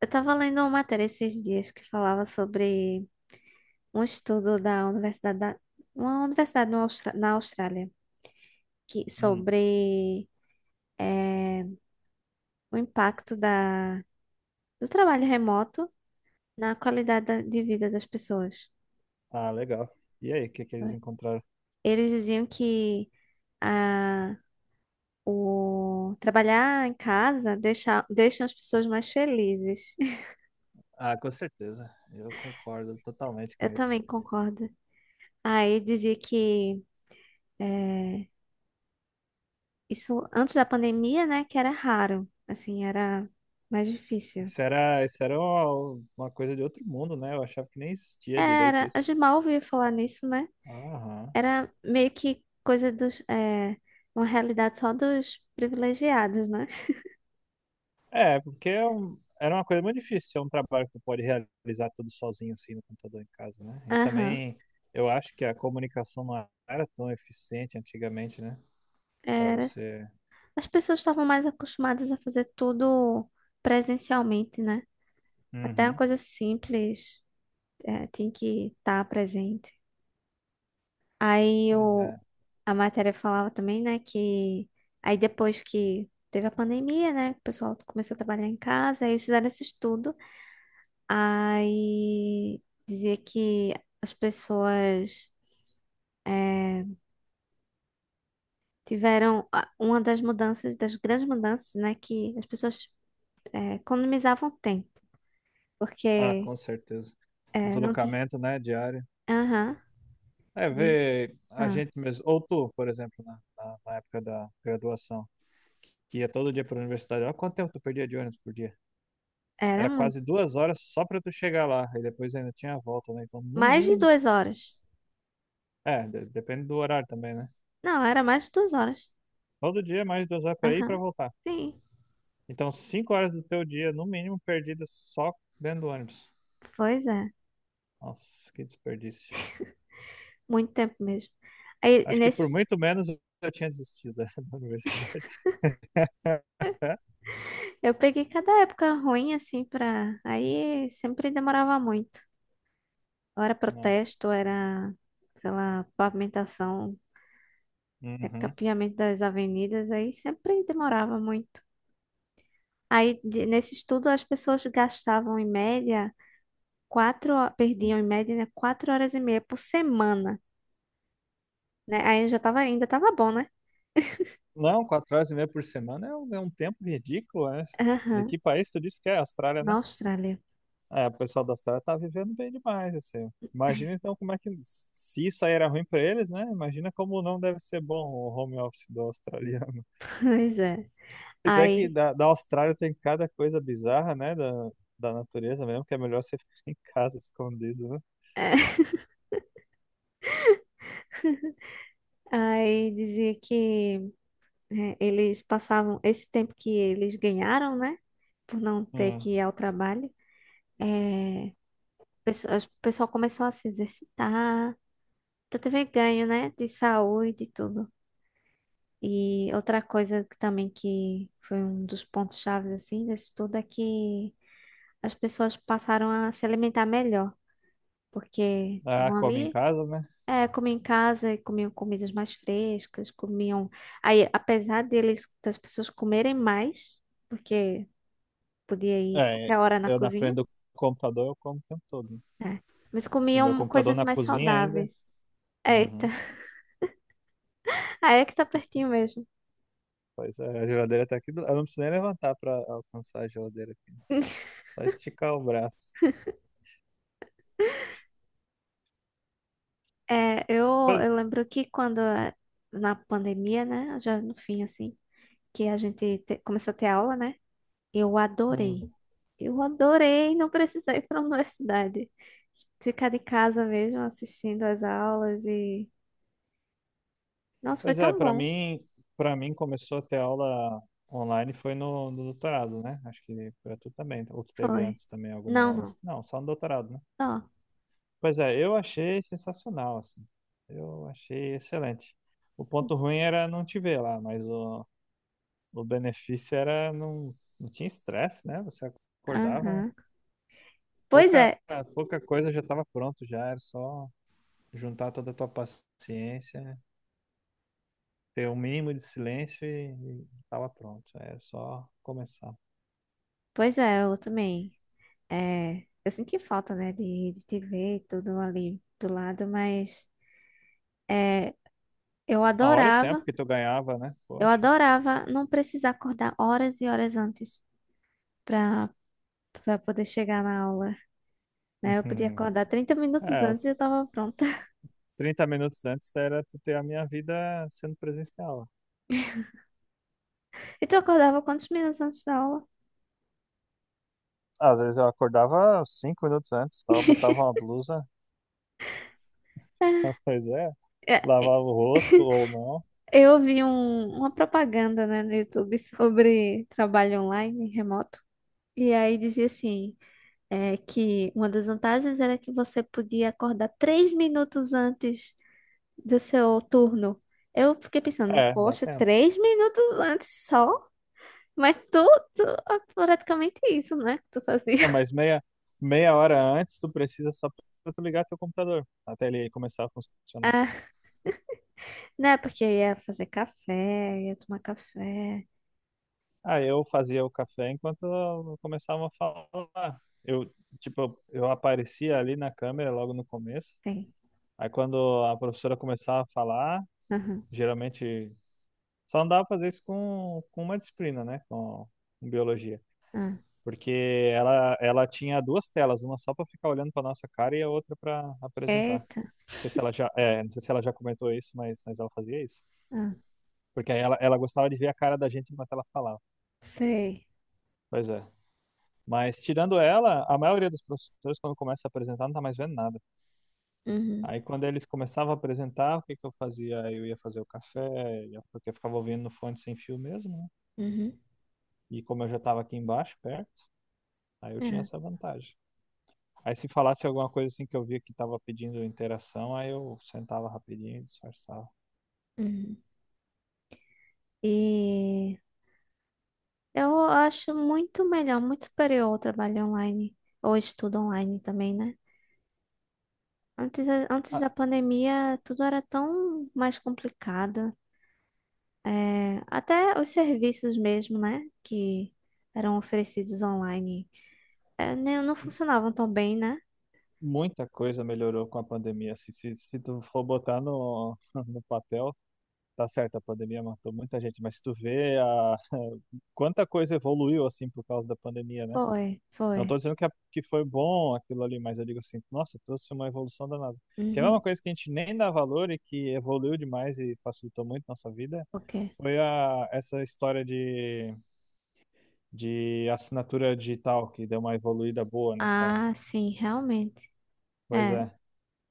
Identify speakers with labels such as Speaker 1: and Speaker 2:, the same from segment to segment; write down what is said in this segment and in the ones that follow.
Speaker 1: Eu tava lendo uma matéria esses dias que falava sobre um estudo uma universidade no Austra- na Austrália que
Speaker 2: Hum.
Speaker 1: sobre eh, o impacto do trabalho remoto na qualidade de vida das pessoas.
Speaker 2: Ah, legal. E aí, o que que eles encontraram?
Speaker 1: Eles diziam que a, o trabalhar em casa deixa as pessoas mais felizes.
Speaker 2: Ah, com certeza. Eu concordo totalmente com
Speaker 1: Eu
Speaker 2: isso.
Speaker 1: também concordo. Aí dizia que eh, isso antes da pandemia, né? Que era raro. Assim, era mais difícil.
Speaker 2: Isso era uma coisa de outro mundo, né? Eu achava que nem existia direito
Speaker 1: Era, a
Speaker 2: isso.
Speaker 1: gente mal ouvia falar nisso, né?
Speaker 2: Aham.
Speaker 1: Era meio que coisa dos. É, uma realidade só dos privilegiados, né?
Speaker 2: É, porque era uma coisa muito difícil ser um trabalho que tu pode realizar tudo sozinho, assim, no computador em casa, né? E
Speaker 1: Aham.
Speaker 2: também eu acho que a comunicação não era tão eficiente antigamente, né? Para
Speaker 1: Era.
Speaker 2: você.
Speaker 1: As pessoas estavam mais acostumadas a fazer tudo presencialmente, né? Até uma
Speaker 2: Uhum.
Speaker 1: coisa simples, é, tinha que estar presente. Aí
Speaker 2: Pois é.
Speaker 1: a matéria falava também, né, que aí depois que teve a pandemia, né, o pessoal começou a trabalhar em casa, aí eles fizeram esse estudo, aí dizia que as pessoas eh, tiveram uma das grandes mudanças, né, que as pessoas economizavam tempo,
Speaker 2: Ah,
Speaker 1: porque
Speaker 2: com certeza.
Speaker 1: não tinha...
Speaker 2: Deslocamento, né, diário.
Speaker 1: Aham.
Speaker 2: É,
Speaker 1: Dizia-
Speaker 2: ver a
Speaker 1: Ah,
Speaker 2: gente mesmo, ou tu, por exemplo, na época da graduação, que ia todo dia para a universidade, olha quanto tempo tu perdia de ônibus por dia.
Speaker 1: era
Speaker 2: Era
Speaker 1: muito.
Speaker 2: quase duas horas só para tu chegar lá, e depois ainda tinha a volta, né? Então, no
Speaker 1: Mais de
Speaker 2: mínimo,
Speaker 1: 2 horas.
Speaker 2: é, depende do horário também, né?
Speaker 1: Não, era mais de 2 horas.
Speaker 2: Todo dia mais duas horas para ir e para
Speaker 1: Aham.
Speaker 2: voltar.
Speaker 1: Sim,
Speaker 2: Então, cinco horas do teu dia, no mínimo, perdidas só dentro do ônibus.
Speaker 1: pois é.
Speaker 2: Nossa, que desperdício.
Speaker 1: Muito tempo mesmo. Aí
Speaker 2: Acho que por
Speaker 1: nesse
Speaker 2: muito menos eu tinha desistido da da universidade.
Speaker 1: eu peguei cada época ruim assim pra. Aí sempre demorava muito. Ou era
Speaker 2: Nossa.
Speaker 1: protesto, ou era, sei lá, pavimentação, é,
Speaker 2: Uhum.
Speaker 1: capeamento das avenidas, aí sempre demorava muito. Aí nesse estudo as pessoas gastavam em média perdiam em média, né, 4 horas e meia por semana, né? Aí já tava, ainda tava bom, né?
Speaker 2: Não, quatro horas e meia por semana é um tempo ridículo, né? De
Speaker 1: Aham.
Speaker 2: que país tu disse que é? Austrália,
Speaker 1: Na
Speaker 2: né?
Speaker 1: Austrália.
Speaker 2: É, o pessoal da Austrália tá vivendo bem demais, assim. Imagina então como é que, se isso aí era ruim para eles, né? Imagina como não deve ser bom o home office do australiano.
Speaker 1: Pois é.
Speaker 2: Se bem que
Speaker 1: Aí,
Speaker 2: da Austrália tem cada coisa bizarra, né? Da natureza mesmo, que é melhor você ficar em casa escondido, né?
Speaker 1: aí dizia que né, eles passavam esse tempo que eles ganharam, né? Por não ter
Speaker 2: Hum.
Speaker 1: que ir ao trabalho. É, o pessoal começou a se exercitar. Então teve ganho, né? De saúde e tudo. E outra coisa que também que foi um dos pontos chaves assim desse tudo é que as pessoas passaram a se alimentar melhor, porque
Speaker 2: Ah,
Speaker 1: estavam
Speaker 2: come em
Speaker 1: ali,
Speaker 2: casa, né?
Speaker 1: é, comiam em casa, e comiam comidas mais frescas, comiam. Aí, apesar deles das pessoas comerem mais, porque podia ir
Speaker 2: É,
Speaker 1: qualquer hora na
Speaker 2: eu na
Speaker 1: cozinha.
Speaker 2: frente do computador eu como o tempo todo, né?
Speaker 1: É. Mas
Speaker 2: E meu
Speaker 1: comiam
Speaker 2: computador
Speaker 1: coisas
Speaker 2: na
Speaker 1: mais
Speaker 2: cozinha ainda.
Speaker 1: saudáveis. Eita,
Speaker 2: Uhum.
Speaker 1: aí é que tá pertinho mesmo.
Speaker 2: Pois é, a geladeira tá aqui do Eu não preciso nem levantar pra alcançar a geladeira aqui. Só esticar o braço.
Speaker 1: É, eu,
Speaker 2: Pois,
Speaker 1: eu lembro que quando na pandemia, né, já no fim assim, que a gente começou a ter aula, né? Eu
Speaker 2: hum.
Speaker 1: adorei. Eu adorei não precisar ir para a universidade. Ficar de casa mesmo assistindo as aulas e nossa, foi
Speaker 2: Pois é,
Speaker 1: tão bom.
Speaker 2: para mim começou a ter aula online foi no doutorado, né? Acho que pra tu também. Ou tu teve
Speaker 1: Foi.
Speaker 2: antes também alguma
Speaker 1: Não,
Speaker 2: aula?
Speaker 1: não.
Speaker 2: Não, só no doutorado, né?
Speaker 1: Ó.
Speaker 2: Pois é, eu achei sensacional, assim. Eu achei excelente. O ponto ruim era não te ver lá, mas o benefício era não tinha estresse, né? Você acordava.
Speaker 1: Aham. Pois
Speaker 2: Pouca,
Speaker 1: é.
Speaker 2: pouca coisa já estava pronto, já era só juntar toda a tua paciência, ter o mínimo de silêncio e estava pronto. É só começar.
Speaker 1: Pois é, eu também. É, eu senti falta, né, de te ver tudo ali do lado, mas é, eu
Speaker 2: Ah, olha o tempo
Speaker 1: adorava,
Speaker 2: que tu ganhava, né?
Speaker 1: eu
Speaker 2: Poxa.
Speaker 1: adorava não precisar acordar horas e horas antes pra, pra, poder chegar na aula, né? Eu podia acordar 30 minutos
Speaker 2: É, o
Speaker 1: antes e eu tava pronta.
Speaker 2: 30 minutos antes era tu ter a minha vida sendo presencial.
Speaker 1: E tu acordava quantos minutos antes da aula?
Speaker 2: Às vezes eu acordava cinco minutos antes, só botava uma blusa, pois é,
Speaker 1: É,
Speaker 2: lavava o rosto ou não.
Speaker 1: eu vi uma propaganda, né, no YouTube sobre trabalho online, remoto, e aí dizia assim. É que uma das vantagens era que você podia acordar 3 minutos antes do seu turno. Eu fiquei pensando,
Speaker 2: É, dá
Speaker 1: poxa,
Speaker 2: tempo.
Speaker 1: 3 minutos antes só? Mas tu é praticamente isso, né? Que tu fazia.
Speaker 2: É, mas meia hora antes tu precisa só pra tu ligar teu computador, até ele começar a funcionar.
Speaker 1: Ah, né? Porque eu ia fazer café, ia tomar café.
Speaker 2: Ah, eu fazia o café enquanto eu começava a falar. Eu, tipo, eu aparecia ali na câmera logo no começo.
Speaker 1: Tem.
Speaker 2: Aí quando a professora começava a falar,
Speaker 1: Aham.
Speaker 2: geralmente só não dava pra fazer isso com uma disciplina, né? Com biologia.
Speaker 1: Ah.
Speaker 2: Porque ela tinha duas telas, uma só pra ficar olhando pra nossa cara e a outra pra apresentar. Não
Speaker 1: Eita.
Speaker 2: sei se ela já, é, não sei se ela já comentou isso, mas ela fazia isso.
Speaker 1: Ah,
Speaker 2: Porque aí ela gostava de ver a cara da gente enquanto ela falava.
Speaker 1: sei.
Speaker 2: Pois é. Mas tirando ela, a maioria dos professores, quando começa a apresentar, não tá mais vendo nada.
Speaker 1: Uhum.
Speaker 2: Aí quando eles começavam a apresentar, o que que eu fazia? Eu ia fazer o café, porque eu ficava ouvindo no fone sem fio mesmo, né?
Speaker 1: Uhum.
Speaker 2: E como eu já estava aqui embaixo, perto, aí eu tinha
Speaker 1: É.
Speaker 2: essa vantagem. Aí se falasse alguma coisa assim que eu via que estava pedindo interação, aí eu sentava rapidinho e disfarçava.
Speaker 1: Uhum. E. Eu acho muito melhor, muito superior o trabalho online, ou estudo online também, né? Antes, antes
Speaker 2: Ah,
Speaker 1: da pandemia, tudo era tão mais complicado. É, até os serviços mesmo, né? Que eram oferecidos online, é, não
Speaker 2: m-
Speaker 1: funcionavam tão bem, né?
Speaker 2: muita coisa melhorou com a pandemia. Se tu for botar no papel, tá certo, a pandemia matou muita gente, mas se tu vê quanta coisa evoluiu assim por causa da pandemia, né?
Speaker 1: Foi,
Speaker 2: Não
Speaker 1: foi.
Speaker 2: tô dizendo que foi bom aquilo ali, mas eu digo assim, nossa, trouxe uma evolução danada. Que é uma
Speaker 1: Uhum.
Speaker 2: coisa que a gente nem dá valor e que evoluiu demais e facilitou muito nossa vida,
Speaker 1: O
Speaker 2: essa história de assinatura digital, que deu uma evoluída boa nessa.
Speaker 1: Ah, sim, realmente.
Speaker 2: Pois
Speaker 1: É.
Speaker 2: é.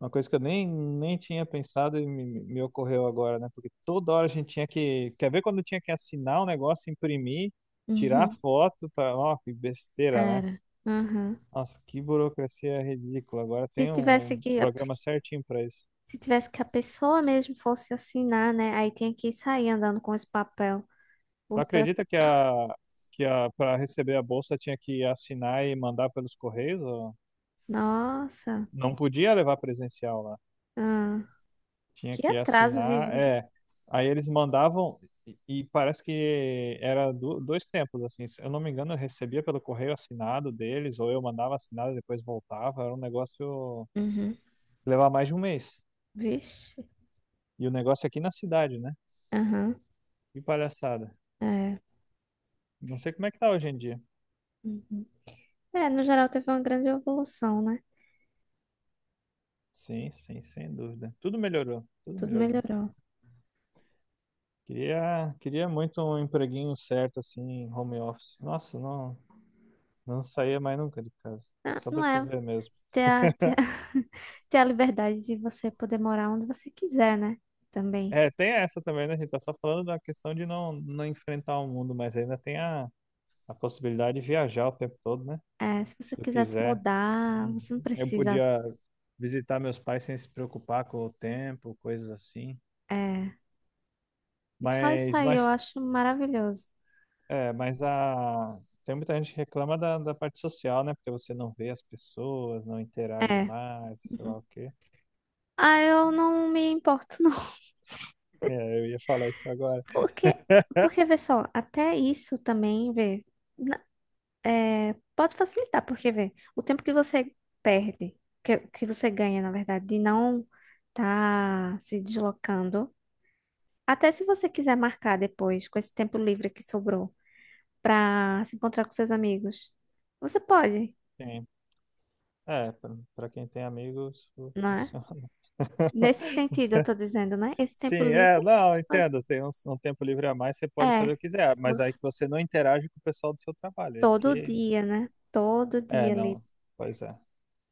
Speaker 2: Uma coisa que eu nem tinha pensado e me ocorreu agora, né? Porque toda hora a gente tinha que. Quer ver quando tinha que assinar o negócio, imprimir, tirar
Speaker 1: Uhum.
Speaker 2: foto para. Ó, que besteira, né?
Speaker 1: Era. Uhum.
Speaker 2: Nossa, que burocracia ridícula. Agora
Speaker 1: Se
Speaker 2: tem
Speaker 1: tivesse
Speaker 2: um
Speaker 1: que
Speaker 2: programa certinho para isso.
Speaker 1: Se tivesse que a pessoa mesmo fosse assinar, né? Aí tinha que sair andando com esse papel.
Speaker 2: Tu
Speaker 1: Os bra-
Speaker 2: acredita que para receber a bolsa tinha que assinar e mandar pelos correios? Ou.
Speaker 1: Nossa,
Speaker 2: Não podia levar presencial lá.
Speaker 1: ah,
Speaker 2: Tinha
Speaker 1: que
Speaker 2: que
Speaker 1: atraso de
Speaker 2: assinar,
Speaker 1: vida.
Speaker 2: é. Aí eles mandavam e parece que era dois tempos, assim. Se eu não me engano, eu recebia pelo correio assinado deles, ou eu mandava assinado e depois voltava. Era um negócio que
Speaker 1: Uhum.
Speaker 2: levava mais de um mês.
Speaker 1: Vixe.
Speaker 2: E o negócio é aqui na cidade, né?
Speaker 1: Aham,
Speaker 2: Que palhaçada.
Speaker 1: é.
Speaker 2: Não sei como é que tá hoje em dia.
Speaker 1: Uhum. É, no geral teve uma grande evolução, né?
Speaker 2: Sim, sim, sem dúvida. Tudo melhorou, tudo
Speaker 1: Tudo
Speaker 2: melhorou.
Speaker 1: melhorou.
Speaker 2: Queria, queria muito um empreguinho certo, assim, em home office. Nossa, não saía mais nunca de casa.
Speaker 1: Ah,
Speaker 2: Só
Speaker 1: não
Speaker 2: pra te
Speaker 1: é
Speaker 2: ver mesmo.
Speaker 1: ter a, ter a, ter a liberdade de você poder morar onde você quiser, né? Também.
Speaker 2: É, tem essa também, né? A gente tá só falando da questão de não enfrentar o mundo, mas ainda tem a possibilidade de viajar o tempo todo, né?
Speaker 1: É, se
Speaker 2: Se
Speaker 1: você
Speaker 2: tu
Speaker 1: quiser se
Speaker 2: quiser.
Speaker 1: mudar, você não
Speaker 2: Uhum. Eu
Speaker 1: precisa.
Speaker 2: podia visitar meus pais sem se preocupar com o tempo, coisas assim.
Speaker 1: É. E só isso
Speaker 2: Mas,
Speaker 1: aí eu
Speaker 2: mas,
Speaker 1: acho maravilhoso.
Speaker 2: é, mas a... Tem muita gente que reclama da parte social, né? Porque você não vê as pessoas, não interage
Speaker 1: É.
Speaker 2: mais, sei
Speaker 1: Uhum.
Speaker 2: lá o quê.
Speaker 1: Ah, eu não me importo, não.
Speaker 2: É, eu ia falar isso agora.
Speaker 1: Porque, porque, vê só, até isso também, vê, pode facilitar, porque, vê, o tempo que você perde, que você ganha, na verdade, de não tá se deslocando, até se você quiser marcar depois, com esse tempo livre que sobrou, pra se encontrar com seus amigos, você pode,
Speaker 2: Sim. É, pra quem tem amigos,
Speaker 1: não é?
Speaker 2: funciona.
Speaker 1: Nesse sentido, eu tô dizendo, né? Esse
Speaker 2: Sim,
Speaker 1: tempo
Speaker 2: é,
Speaker 1: livre,
Speaker 2: não,
Speaker 1: pode.
Speaker 2: entendo. Tem um tempo livre a mais, você pode fazer
Speaker 1: É,
Speaker 2: o que quiser, mas aí
Speaker 1: você,
Speaker 2: que você não interage com o pessoal do seu trabalho. É isso
Speaker 1: todo
Speaker 2: que.
Speaker 1: dia, né? Todo
Speaker 2: É,
Speaker 1: dia ali.
Speaker 2: não. Pois é.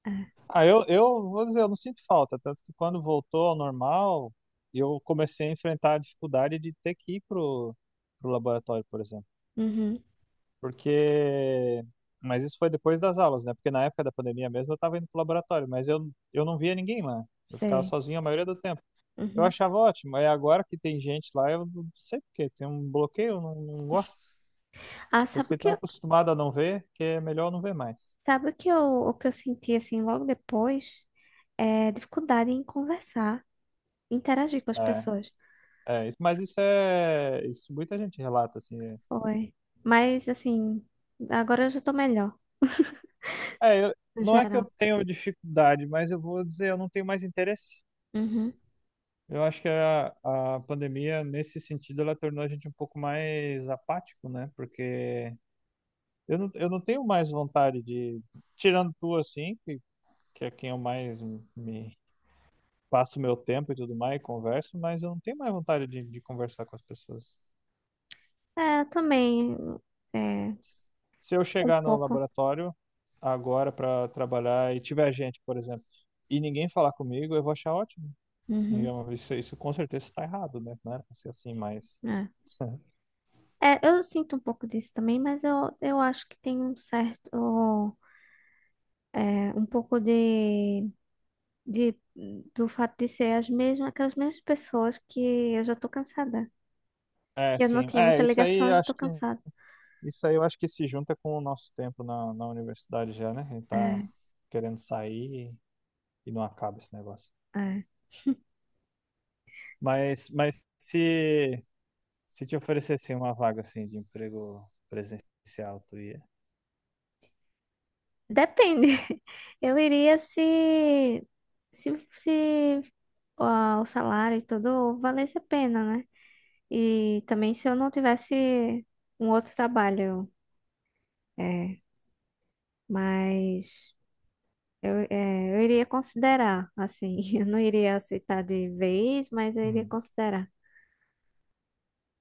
Speaker 1: É.
Speaker 2: Ah, eu vou dizer, eu não sinto falta, tanto que quando voltou ao normal, eu comecei a enfrentar a dificuldade de ter que ir pro laboratório, por exemplo.
Speaker 1: Uhum.
Speaker 2: Porque. Mas isso foi depois das aulas, né? Porque na época da pandemia mesmo eu estava indo pro laboratório, mas eu não via ninguém lá. Eu ficava
Speaker 1: Sei.
Speaker 2: sozinho a maioria do tempo. Eu
Speaker 1: Uhum.
Speaker 2: achava ótimo. Aí agora que tem gente lá, eu não sei por quê. Tem um bloqueio, eu não gosto.
Speaker 1: Ah,
Speaker 2: Eu fiquei tão acostumado a não ver que é melhor não ver mais.
Speaker 1: o que eu senti assim logo depois? É dificuldade em conversar, interagir com as
Speaker 2: É,
Speaker 1: pessoas.
Speaker 2: é, mas isso é. Isso muita gente relata, assim. É,
Speaker 1: Foi. Mas assim, agora eu já tô melhor,
Speaker 2: é,
Speaker 1: no
Speaker 2: não é que
Speaker 1: geral.
Speaker 2: eu tenho dificuldade, mas eu vou dizer, eu não tenho mais interesse.
Speaker 1: Uhum.
Speaker 2: Eu acho que a pandemia, nesse sentido, ela tornou a gente um pouco mais apático, né? Porque eu não tenho mais vontade de. Tirando tu, assim, que é quem eu mais me passo meu tempo e tudo mais, converso, mas eu não tenho mais vontade de conversar com as pessoas.
Speaker 1: É, eu também é,
Speaker 2: Se eu
Speaker 1: um
Speaker 2: chegar no
Speaker 1: pouco.
Speaker 2: laboratório agora para trabalhar e tiver gente, por exemplo, e ninguém falar comigo, eu vou achar ótimo.
Speaker 1: Uhum.
Speaker 2: Digamos, isso com certeza está errado, né? Não era pra ser assim, mas.
Speaker 1: É. É, eu sinto um pouco disso também, mas eu acho que tem um certo, é, um pouco de, do fato de ser as mesmas, aquelas mesmas pessoas que eu já tô cansada.
Speaker 2: É,
Speaker 1: Que eu não
Speaker 2: sim.
Speaker 1: tinha muita
Speaker 2: É,
Speaker 1: ligação, eu já tô cansada.
Speaker 2: isso aí eu acho que se junta com o nosso tempo na universidade já, né? A gente tá
Speaker 1: É,
Speaker 2: querendo sair e não acaba esse negócio.
Speaker 1: é.
Speaker 2: Mas, mas se Se te oferecessem uma vaga assim de emprego presencial, tu ia?
Speaker 1: Depende. Eu iria se ó, o salário e tudo valesse a pena, né? E também se eu não tivesse um outro trabalho. É, mas eu, é, eu iria considerar, assim. Eu não iria aceitar de vez, mas eu iria
Speaker 2: Hum.
Speaker 1: considerar.